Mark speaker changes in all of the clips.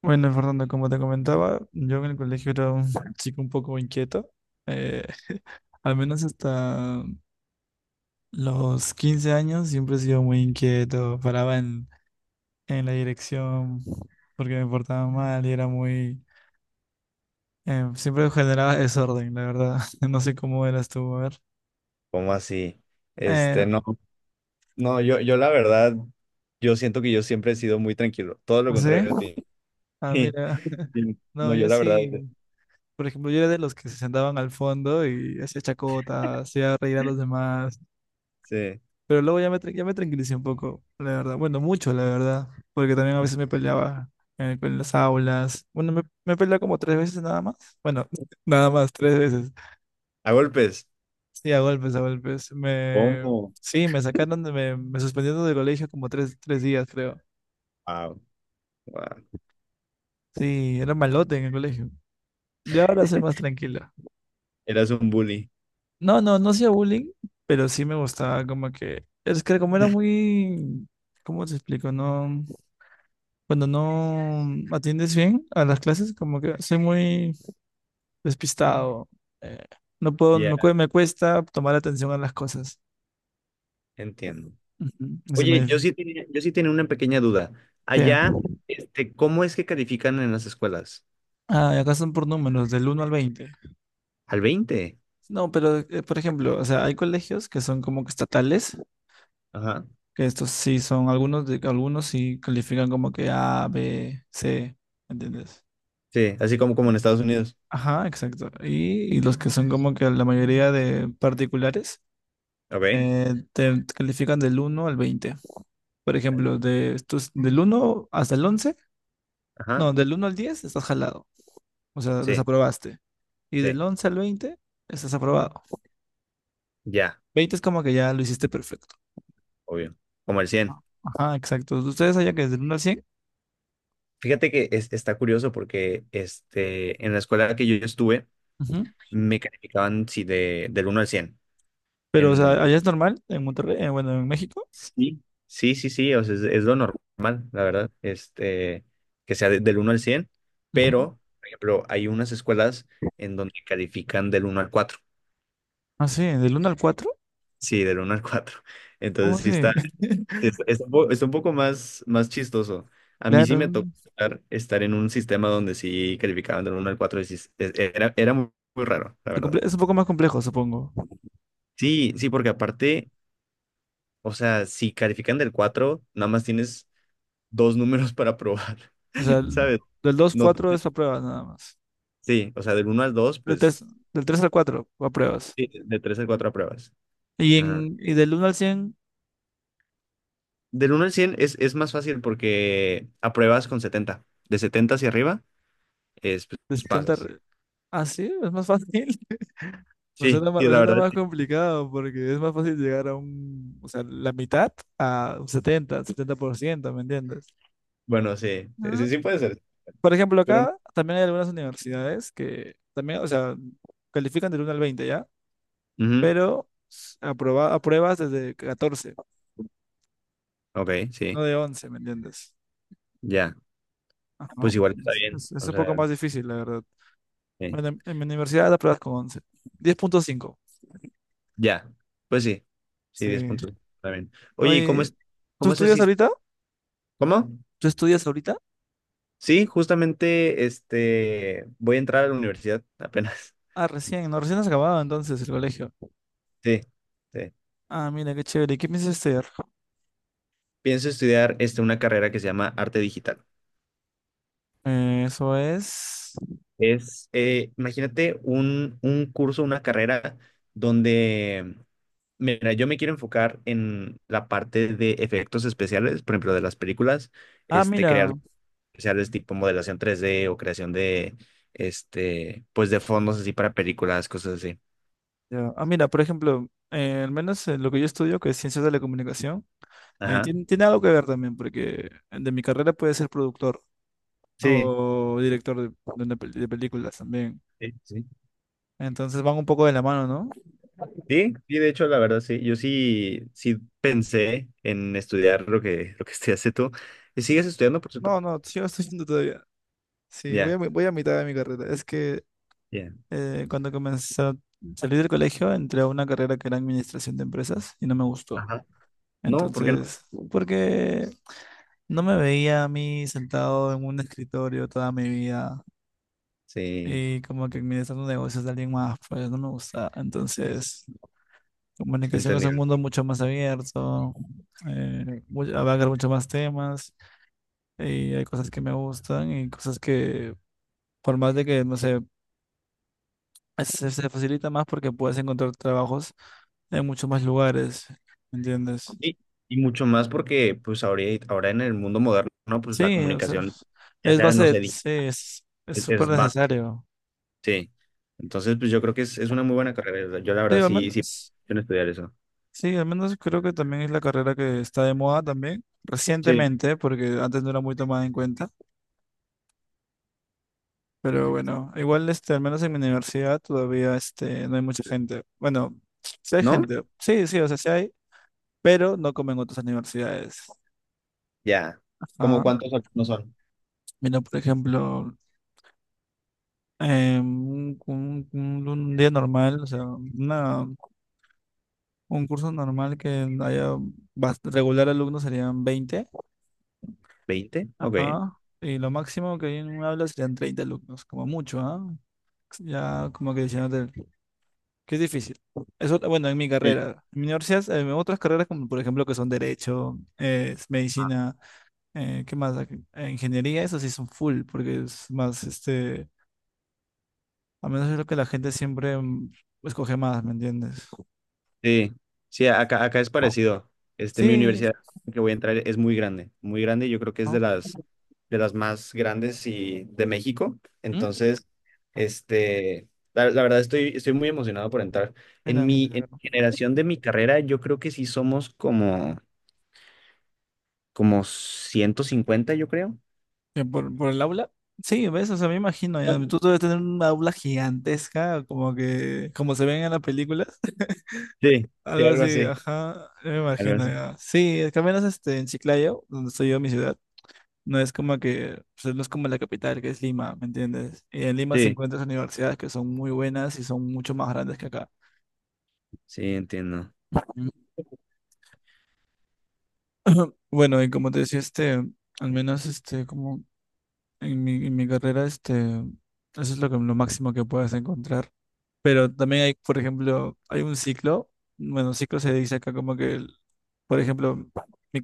Speaker 1: Bueno, Fernando, como te comentaba, yo en el colegio era un chico un poco inquieto. Eh, Al menos hasta los 15 años siempre he sido muy inquieto. Paraba en, la dirección porque me portaba mal y era muy, siempre generaba desorden, la verdad. No sé cómo eras tú, a ver.
Speaker 2: ¿Cómo así? Este,
Speaker 1: Eh,
Speaker 2: no, no, yo la verdad, yo siento que yo siempre he sido muy tranquilo, todo lo
Speaker 1: no sé.
Speaker 2: contrario a ti.
Speaker 1: Ah,
Speaker 2: Sí,
Speaker 1: mira.
Speaker 2: sí. No,
Speaker 1: No,
Speaker 2: yo
Speaker 1: yo
Speaker 2: la verdad,
Speaker 1: sí. Por ejemplo, yo era de los que se sentaban al fondo y hacía chacota, hacía reír a los demás.
Speaker 2: sí.
Speaker 1: Pero luego ya me tranquilicé un poco, la verdad. Bueno, mucho, la verdad. Porque también a veces me peleaba en, las aulas. Bueno, me peleaba como 3 veces nada más. Bueno, nada más, 3 veces.
Speaker 2: A golpes.
Speaker 1: Sí, a golpes, a golpes. Me,
Speaker 2: ¿Cómo?
Speaker 1: sí, me sacaron, de, me suspendieron del colegio como 3 días, creo.
Speaker 2: Wow, wow.
Speaker 1: Sí, era malote en el colegio. Y ahora soy más tranquila.
Speaker 2: Eras un bully.
Speaker 1: No, no, no hacía bullying, pero sí me gustaba como que. Es que como era muy. ¿Cómo te explico? No. Cuando no atiendes bien a las clases, como que soy muy despistado. eh, no puedo,
Speaker 2: Ya,
Speaker 1: me cuesta tomar atención a las cosas.
Speaker 2: entiendo.
Speaker 1: Ujú. Se
Speaker 2: Oye, yo
Speaker 1: me.
Speaker 2: sí tenía, yo sí tenía una pequeña duda.
Speaker 1: ¿Qué?
Speaker 2: Allá, este, ¿cómo es que califican en las escuelas?
Speaker 1: Ah, y acá son por números, del uno al veinte.
Speaker 2: Al 20.
Speaker 1: No, pero por ejemplo, o sea, hay colegios que son como que estatales,
Speaker 2: Ajá.
Speaker 1: que estos sí son algunos, algunos sí califican como que A, B, C. ¿Entiendes?
Speaker 2: Sí, así como en Estados Unidos.
Speaker 1: Ajá, exacto. Y los que son como que la mayoría de particulares
Speaker 2: Ok.
Speaker 1: te califican del uno al veinte. Por ejemplo, de estos, del uno hasta el once,
Speaker 2: Ajá.
Speaker 1: no, del uno al 10 estás jalado, o sea,
Speaker 2: Sí,
Speaker 1: desaprobaste. Y del
Speaker 2: sí.
Speaker 1: 11 al 20 estás aprobado.
Speaker 2: Ya,
Speaker 1: Veinte es como que ya lo hiciste perfecto.
Speaker 2: obvio. Como el 100.
Speaker 1: Ajá, exacto. Ustedes allá que es del uno al cien.
Speaker 2: Fíjate que está curioso porque este, en la escuela que yo estuve
Speaker 1: Ujú.
Speaker 2: me calificaban sí, del uno al 100.
Speaker 1: Pero o
Speaker 2: En,
Speaker 1: sea, allá es normal, en Monterrey, bueno, en México.
Speaker 2: sí, sí, sí, sí, o sea, es lo normal, la verdad, este, que sea del uno al 100,
Speaker 1: Ujú.
Speaker 2: pero, por ejemplo, hay unas escuelas en donde califican del uno al cuatro.
Speaker 1: Ah, sí, del uno al cuatro.
Speaker 2: Sí, del uno al cuatro.
Speaker 1: ¿Cómo
Speaker 2: Entonces sí
Speaker 1: se?
Speaker 2: está, es un po- está un poco más chistoso. A mí sí me
Speaker 1: Claro,
Speaker 2: tocó estar en un sistema donde sí calificaban del uno al 4 y sí era muy muy raro, la verdad.
Speaker 1: es un poco más complejo, supongo.
Speaker 2: Sí, sí, porque aparte, o sea, si califican del 4, nada más tienes dos números para probar,
Speaker 1: O sea,
Speaker 2: ¿sabes?
Speaker 1: del 2 al
Speaker 2: No,
Speaker 1: 4 es apruebas nada más.
Speaker 2: sí, o sea, del uno al 2,
Speaker 1: Del 3
Speaker 2: pues
Speaker 1: Del 3 al 4, apruebas.
Speaker 2: sí, de 3 al 4 apruebas.
Speaker 1: Y,
Speaker 2: Ajá.
Speaker 1: en, y del uno al cien,
Speaker 2: Del 1 al 100 es más fácil porque apruebas con 70. De 70 hacia arriba, es,
Speaker 1: de
Speaker 2: pues,
Speaker 1: setenta.
Speaker 2: pasas.
Speaker 1: Ah, sí, es más fácil. Me
Speaker 2: Sí,
Speaker 1: suena más,
Speaker 2: sí,
Speaker 1: me
Speaker 2: la
Speaker 1: suena
Speaker 2: verdad.
Speaker 1: más
Speaker 2: Sí.
Speaker 1: complicado porque es más fácil llegar a un, o sea, la mitad a un setenta, 70%, ¿me entiendes?
Speaker 2: Bueno, sí, sí,
Speaker 1: Ah,
Speaker 2: sí sí puede ser,
Speaker 1: por ejemplo,
Speaker 2: pero no.
Speaker 1: acá también hay algunas universidades que también, o sea, califican del uno al veinte, ¿ya?
Speaker 2: Ujú.
Speaker 1: Pero apruebas desde 14,
Speaker 2: Ok, sí,
Speaker 1: no de 11, ¿me entiendes?
Speaker 2: ya.
Speaker 1: Ajá.
Speaker 2: Pues igual está
Speaker 1: Es,
Speaker 2: bien,
Speaker 1: es- es
Speaker 2: o
Speaker 1: un poco
Speaker 2: sea,
Speaker 1: más difícil, la verdad.
Speaker 2: sí.
Speaker 1: Bueno, en mi universidad apruebas con 11, 10,5.
Speaker 2: Ya, pues sí, sí,
Speaker 1: Sí.
Speaker 2: 10 puntos. Está bien. Oye, ¿y cómo
Speaker 1: Oye,
Speaker 2: es,
Speaker 1: ¿tú
Speaker 2: cómo es el
Speaker 1: estudias
Speaker 2: sis-?
Speaker 1: ahorita?
Speaker 2: ¿Cómo?
Speaker 1: ¿Tú estudias ahorita?
Speaker 2: Sí, justamente, este, voy a entrar a la universidad apenas.
Speaker 1: Ah, recién, no, recién has acabado entonces el colegio.
Speaker 2: Sí, sí.
Speaker 1: Ah, mira, qué chévere. ¿Y qué piensas hacer?
Speaker 2: Pienso estudiar, este, una carrera que se llama arte digital.
Speaker 1: Eso es.
Speaker 2: Imagínate un curso, una carrera donde, mira, yo me quiero enfocar en la parte de efectos especiales, por ejemplo, de las películas,
Speaker 1: Ah,
Speaker 2: este,
Speaker 1: mira.
Speaker 2: crear especiales tipo modelación 3D o creación este, pues de fondos así para películas, cosas así.
Speaker 1: Ya. Ah, mira, por ejemplo, al menos en lo que yo estudio, que es ciencias de la comunicación,
Speaker 2: Ajá.
Speaker 1: tiene algo que ver también, porque de mi carrera puede ser productor
Speaker 2: Sí,
Speaker 1: o director de películas también.
Speaker 2: sí, sí.
Speaker 1: Entonces van un poco de la mano, ¿no?
Speaker 2: Sí, sí, de hecho, la verdad, sí. Yo sí, sí pensé en estudiar lo que estudiaste tú. ¿Y sigues estudiando, por cierto?
Speaker 1: No, no, sí, lo estoy haciendo todavía. Sí,
Speaker 2: Ya,
Speaker 1: voy a mitad de mi carrera. Es que
Speaker 2: ya.
Speaker 1: Cuando comencé a salir del colegio, entré a una carrera que era administración de empresas y no me gustó.
Speaker 2: Ajá. No, ¿por qué no?
Speaker 1: Entonces, porque no me veía a mí sentado en un escritorio toda mi vida
Speaker 2: Sí,
Speaker 1: y como que administrando negocios de alguien más, pues no me gusta. Entonces, comunicación es un
Speaker 2: entendible.
Speaker 1: mundo mucho más abierto, abarca mucho más temas y hay cosas que me gustan y cosas que, por más de que, no sé, se facilita más porque puedes encontrar trabajos en muchos más lugares, ¿me entiendes?
Speaker 2: Y, y mucho más porque, pues, ahora en el mundo moderno, pues, la
Speaker 1: Sí, o sea,
Speaker 2: comunicación, ya
Speaker 1: es
Speaker 2: sea,
Speaker 1: base
Speaker 2: no
Speaker 1: de,
Speaker 2: sé,
Speaker 1: sí, es súper
Speaker 2: es básica.
Speaker 1: necesario.
Speaker 2: Sí. Entonces, pues yo creo que es una muy buena carrera. O sea, yo la
Speaker 1: Sí,
Speaker 2: verdad
Speaker 1: al
Speaker 2: sí, sí,
Speaker 1: menos,
Speaker 2: quiero estudiar eso.
Speaker 1: sí, al menos, creo que también es la carrera que está de moda también,
Speaker 2: Sí.
Speaker 1: recientemente, porque antes no era muy tomada en cuenta, pero bueno, igual este, al menos en mi universidad todavía este, no hay mucha gente. Bueno, sí hay
Speaker 2: ¿No?
Speaker 1: gente, sí, sí, o sea, sí hay, pero no como en otras universidades.
Speaker 2: Ya.
Speaker 1: Ah,
Speaker 2: ¿Cómo cuántos no son?
Speaker 1: mira, por ejemplo. Un día normal, o sea, un curso normal que haya regular alumnos serían veinte.
Speaker 2: Veinte. Ok.
Speaker 1: Ajá, y lo máximo que hay en un aula serían 30 alumnos, como mucho, ¿ah? Ya como que diciéndote que es difícil. Eso, bueno, en mi
Speaker 2: Sí.
Speaker 1: carrera, en mi universidad, en otras carreras como por ejemplo que son derecho, es medicina, ¿qué más? Ingeniería, eso sí son full, porque es más, este, a menos es lo que la gente siempre escoge más, ¿me entiendes?
Speaker 2: Sí. Sí, acá es parecido. Este, mi
Speaker 1: Sí,
Speaker 2: universidad que voy a entrar es muy grande, muy grande. Yo creo que es
Speaker 1: ¿no?
Speaker 2: de las más grandes y de México.
Speaker 1: ¿Mm?
Speaker 2: Entonces, este, la verdad estoy muy emocionado por entrar. En
Speaker 1: Mira, mira,
Speaker 2: mi, en
Speaker 1: claro.
Speaker 2: mi generación de mi carrera, yo creo que sí somos como 150 yo creo.
Speaker 1: Por el aula. Sí, ves, o sea, me imagino, ya.
Speaker 2: Bueno,
Speaker 1: Tú debes tener un aula gigantesca, como que, como se ven en las películas,
Speaker 2: sí, sí,
Speaker 1: algo
Speaker 2: algo
Speaker 1: así,
Speaker 2: así,
Speaker 1: ajá, yo me
Speaker 2: algo
Speaker 1: imagino,
Speaker 2: así.
Speaker 1: ya. Sí, es que al menos este, en Chiclayo, donde estoy yo, mi ciudad, no es como que, pues, no es como la capital, que es Lima, ¿me entiendes? Y en Lima se
Speaker 2: Sí,
Speaker 1: encuentras universidades que son muy buenas y son mucho más grandes que acá.
Speaker 2: sí, entiendo.
Speaker 1: Mm. Bueno, y como te decía, este, al menos, este, como en mi carrera, este, eso es lo que, lo máximo que puedes encontrar. Pero también hay, por ejemplo, hay un ciclo. Bueno, ciclo se dice acá como que, por ejemplo, mi,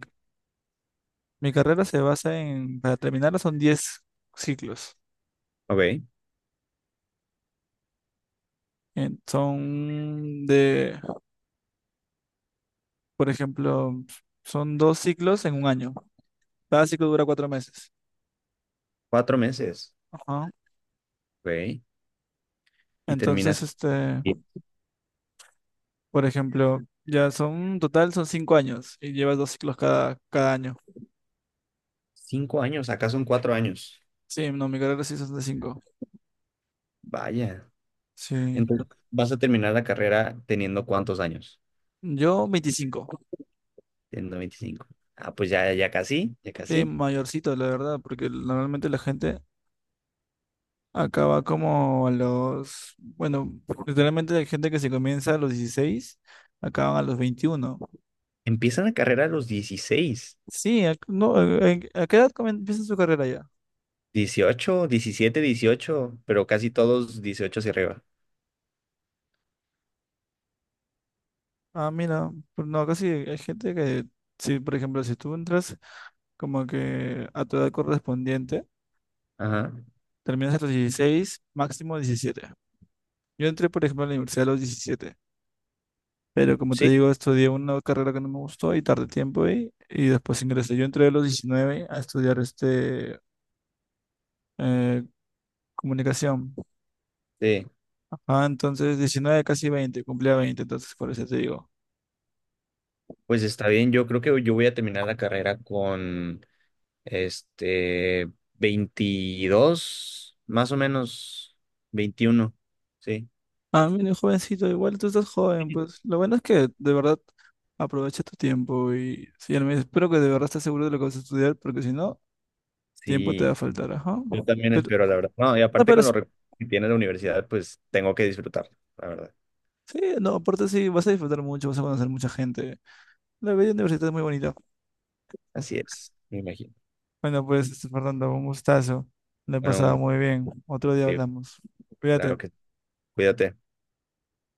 Speaker 1: mi carrera se basa en, para terminarla son 10 ciclos.
Speaker 2: Ok,
Speaker 1: Son de, por ejemplo, son dos ciclos en un año. Cada ciclo dura 4 meses.
Speaker 2: 4 meses.
Speaker 1: Ajá.
Speaker 2: Ok, y
Speaker 1: Entonces,
Speaker 2: terminas
Speaker 1: este,
Speaker 2: bien.
Speaker 1: por ejemplo, ya son, total son 5 años y llevas dos ciclos cada año.
Speaker 2: 5 años, acá son 4 años.
Speaker 1: Sí, no, mi carrera sí es 65.
Speaker 2: Vaya.
Speaker 1: Sí.
Speaker 2: Entonces, ¿vas a terminar la carrera teniendo cuántos años?
Speaker 1: Yo 25.
Speaker 2: Teniendo 25. Ah, pues ya, ya casi, ya
Speaker 1: Sí,
Speaker 2: casi.
Speaker 1: mayorcito, la verdad, porque normalmente la gente acaba como a los. Bueno, literalmente hay gente que se comienza a los 16, acaban a los 21.
Speaker 2: Empiezan la carrera a los 16.
Speaker 1: Sí, no, ¿a qué edad empieza su carrera ya?
Speaker 2: 18, 17, 18, pero casi todos 18 hacia arriba.
Speaker 1: Ah, mira, pero no, casi hay gente que, sí, por ejemplo, si tú entras como que a tu edad correspondiente,
Speaker 2: Ajá,
Speaker 1: terminas a los 16, máximo 17. Yo entré, por ejemplo, a la universidad a los 17. Pero como te
Speaker 2: sí,
Speaker 1: digo, estudié una carrera que no me gustó y tardé tiempo ahí. Y después ingresé. Yo entré a los 19 a estudiar este, eh, comunicación.
Speaker 2: sí.
Speaker 1: Ajá, entonces 19, casi veinte, cumplía veinte. Entonces, por eso te digo.
Speaker 2: Pues está bien, yo creo que yo voy a terminar la carrera con, este, 22 más o menos, 21. Sí,
Speaker 1: Ah, mira, jovencito, igual tú estás joven, pues lo bueno es que de verdad aprovecha tu tiempo y sí, al menos espero que de verdad estés seguro de lo que vas a estudiar, porque si no, tiempo te va a
Speaker 2: sí,
Speaker 1: faltar, ajá.
Speaker 2: yo también
Speaker 1: Pero,
Speaker 2: espero, la verdad. No, y
Speaker 1: no,
Speaker 2: aparte
Speaker 1: pero
Speaker 2: con
Speaker 1: sí,
Speaker 2: los que tiene la universidad, pues tengo que disfrutar, la verdad.
Speaker 1: sí, no, aparte sí, vas a disfrutar mucho, vas a conocer mucha gente. La vida universitaria es muy bonita.
Speaker 2: Así es, me imagino.
Speaker 1: Bueno, pues, Fernando, un gustazo. Le he pasado
Speaker 2: Bueno,
Speaker 1: muy bien. Otro día
Speaker 2: sí,
Speaker 1: hablamos. Cuídate.
Speaker 2: claro que cuídate.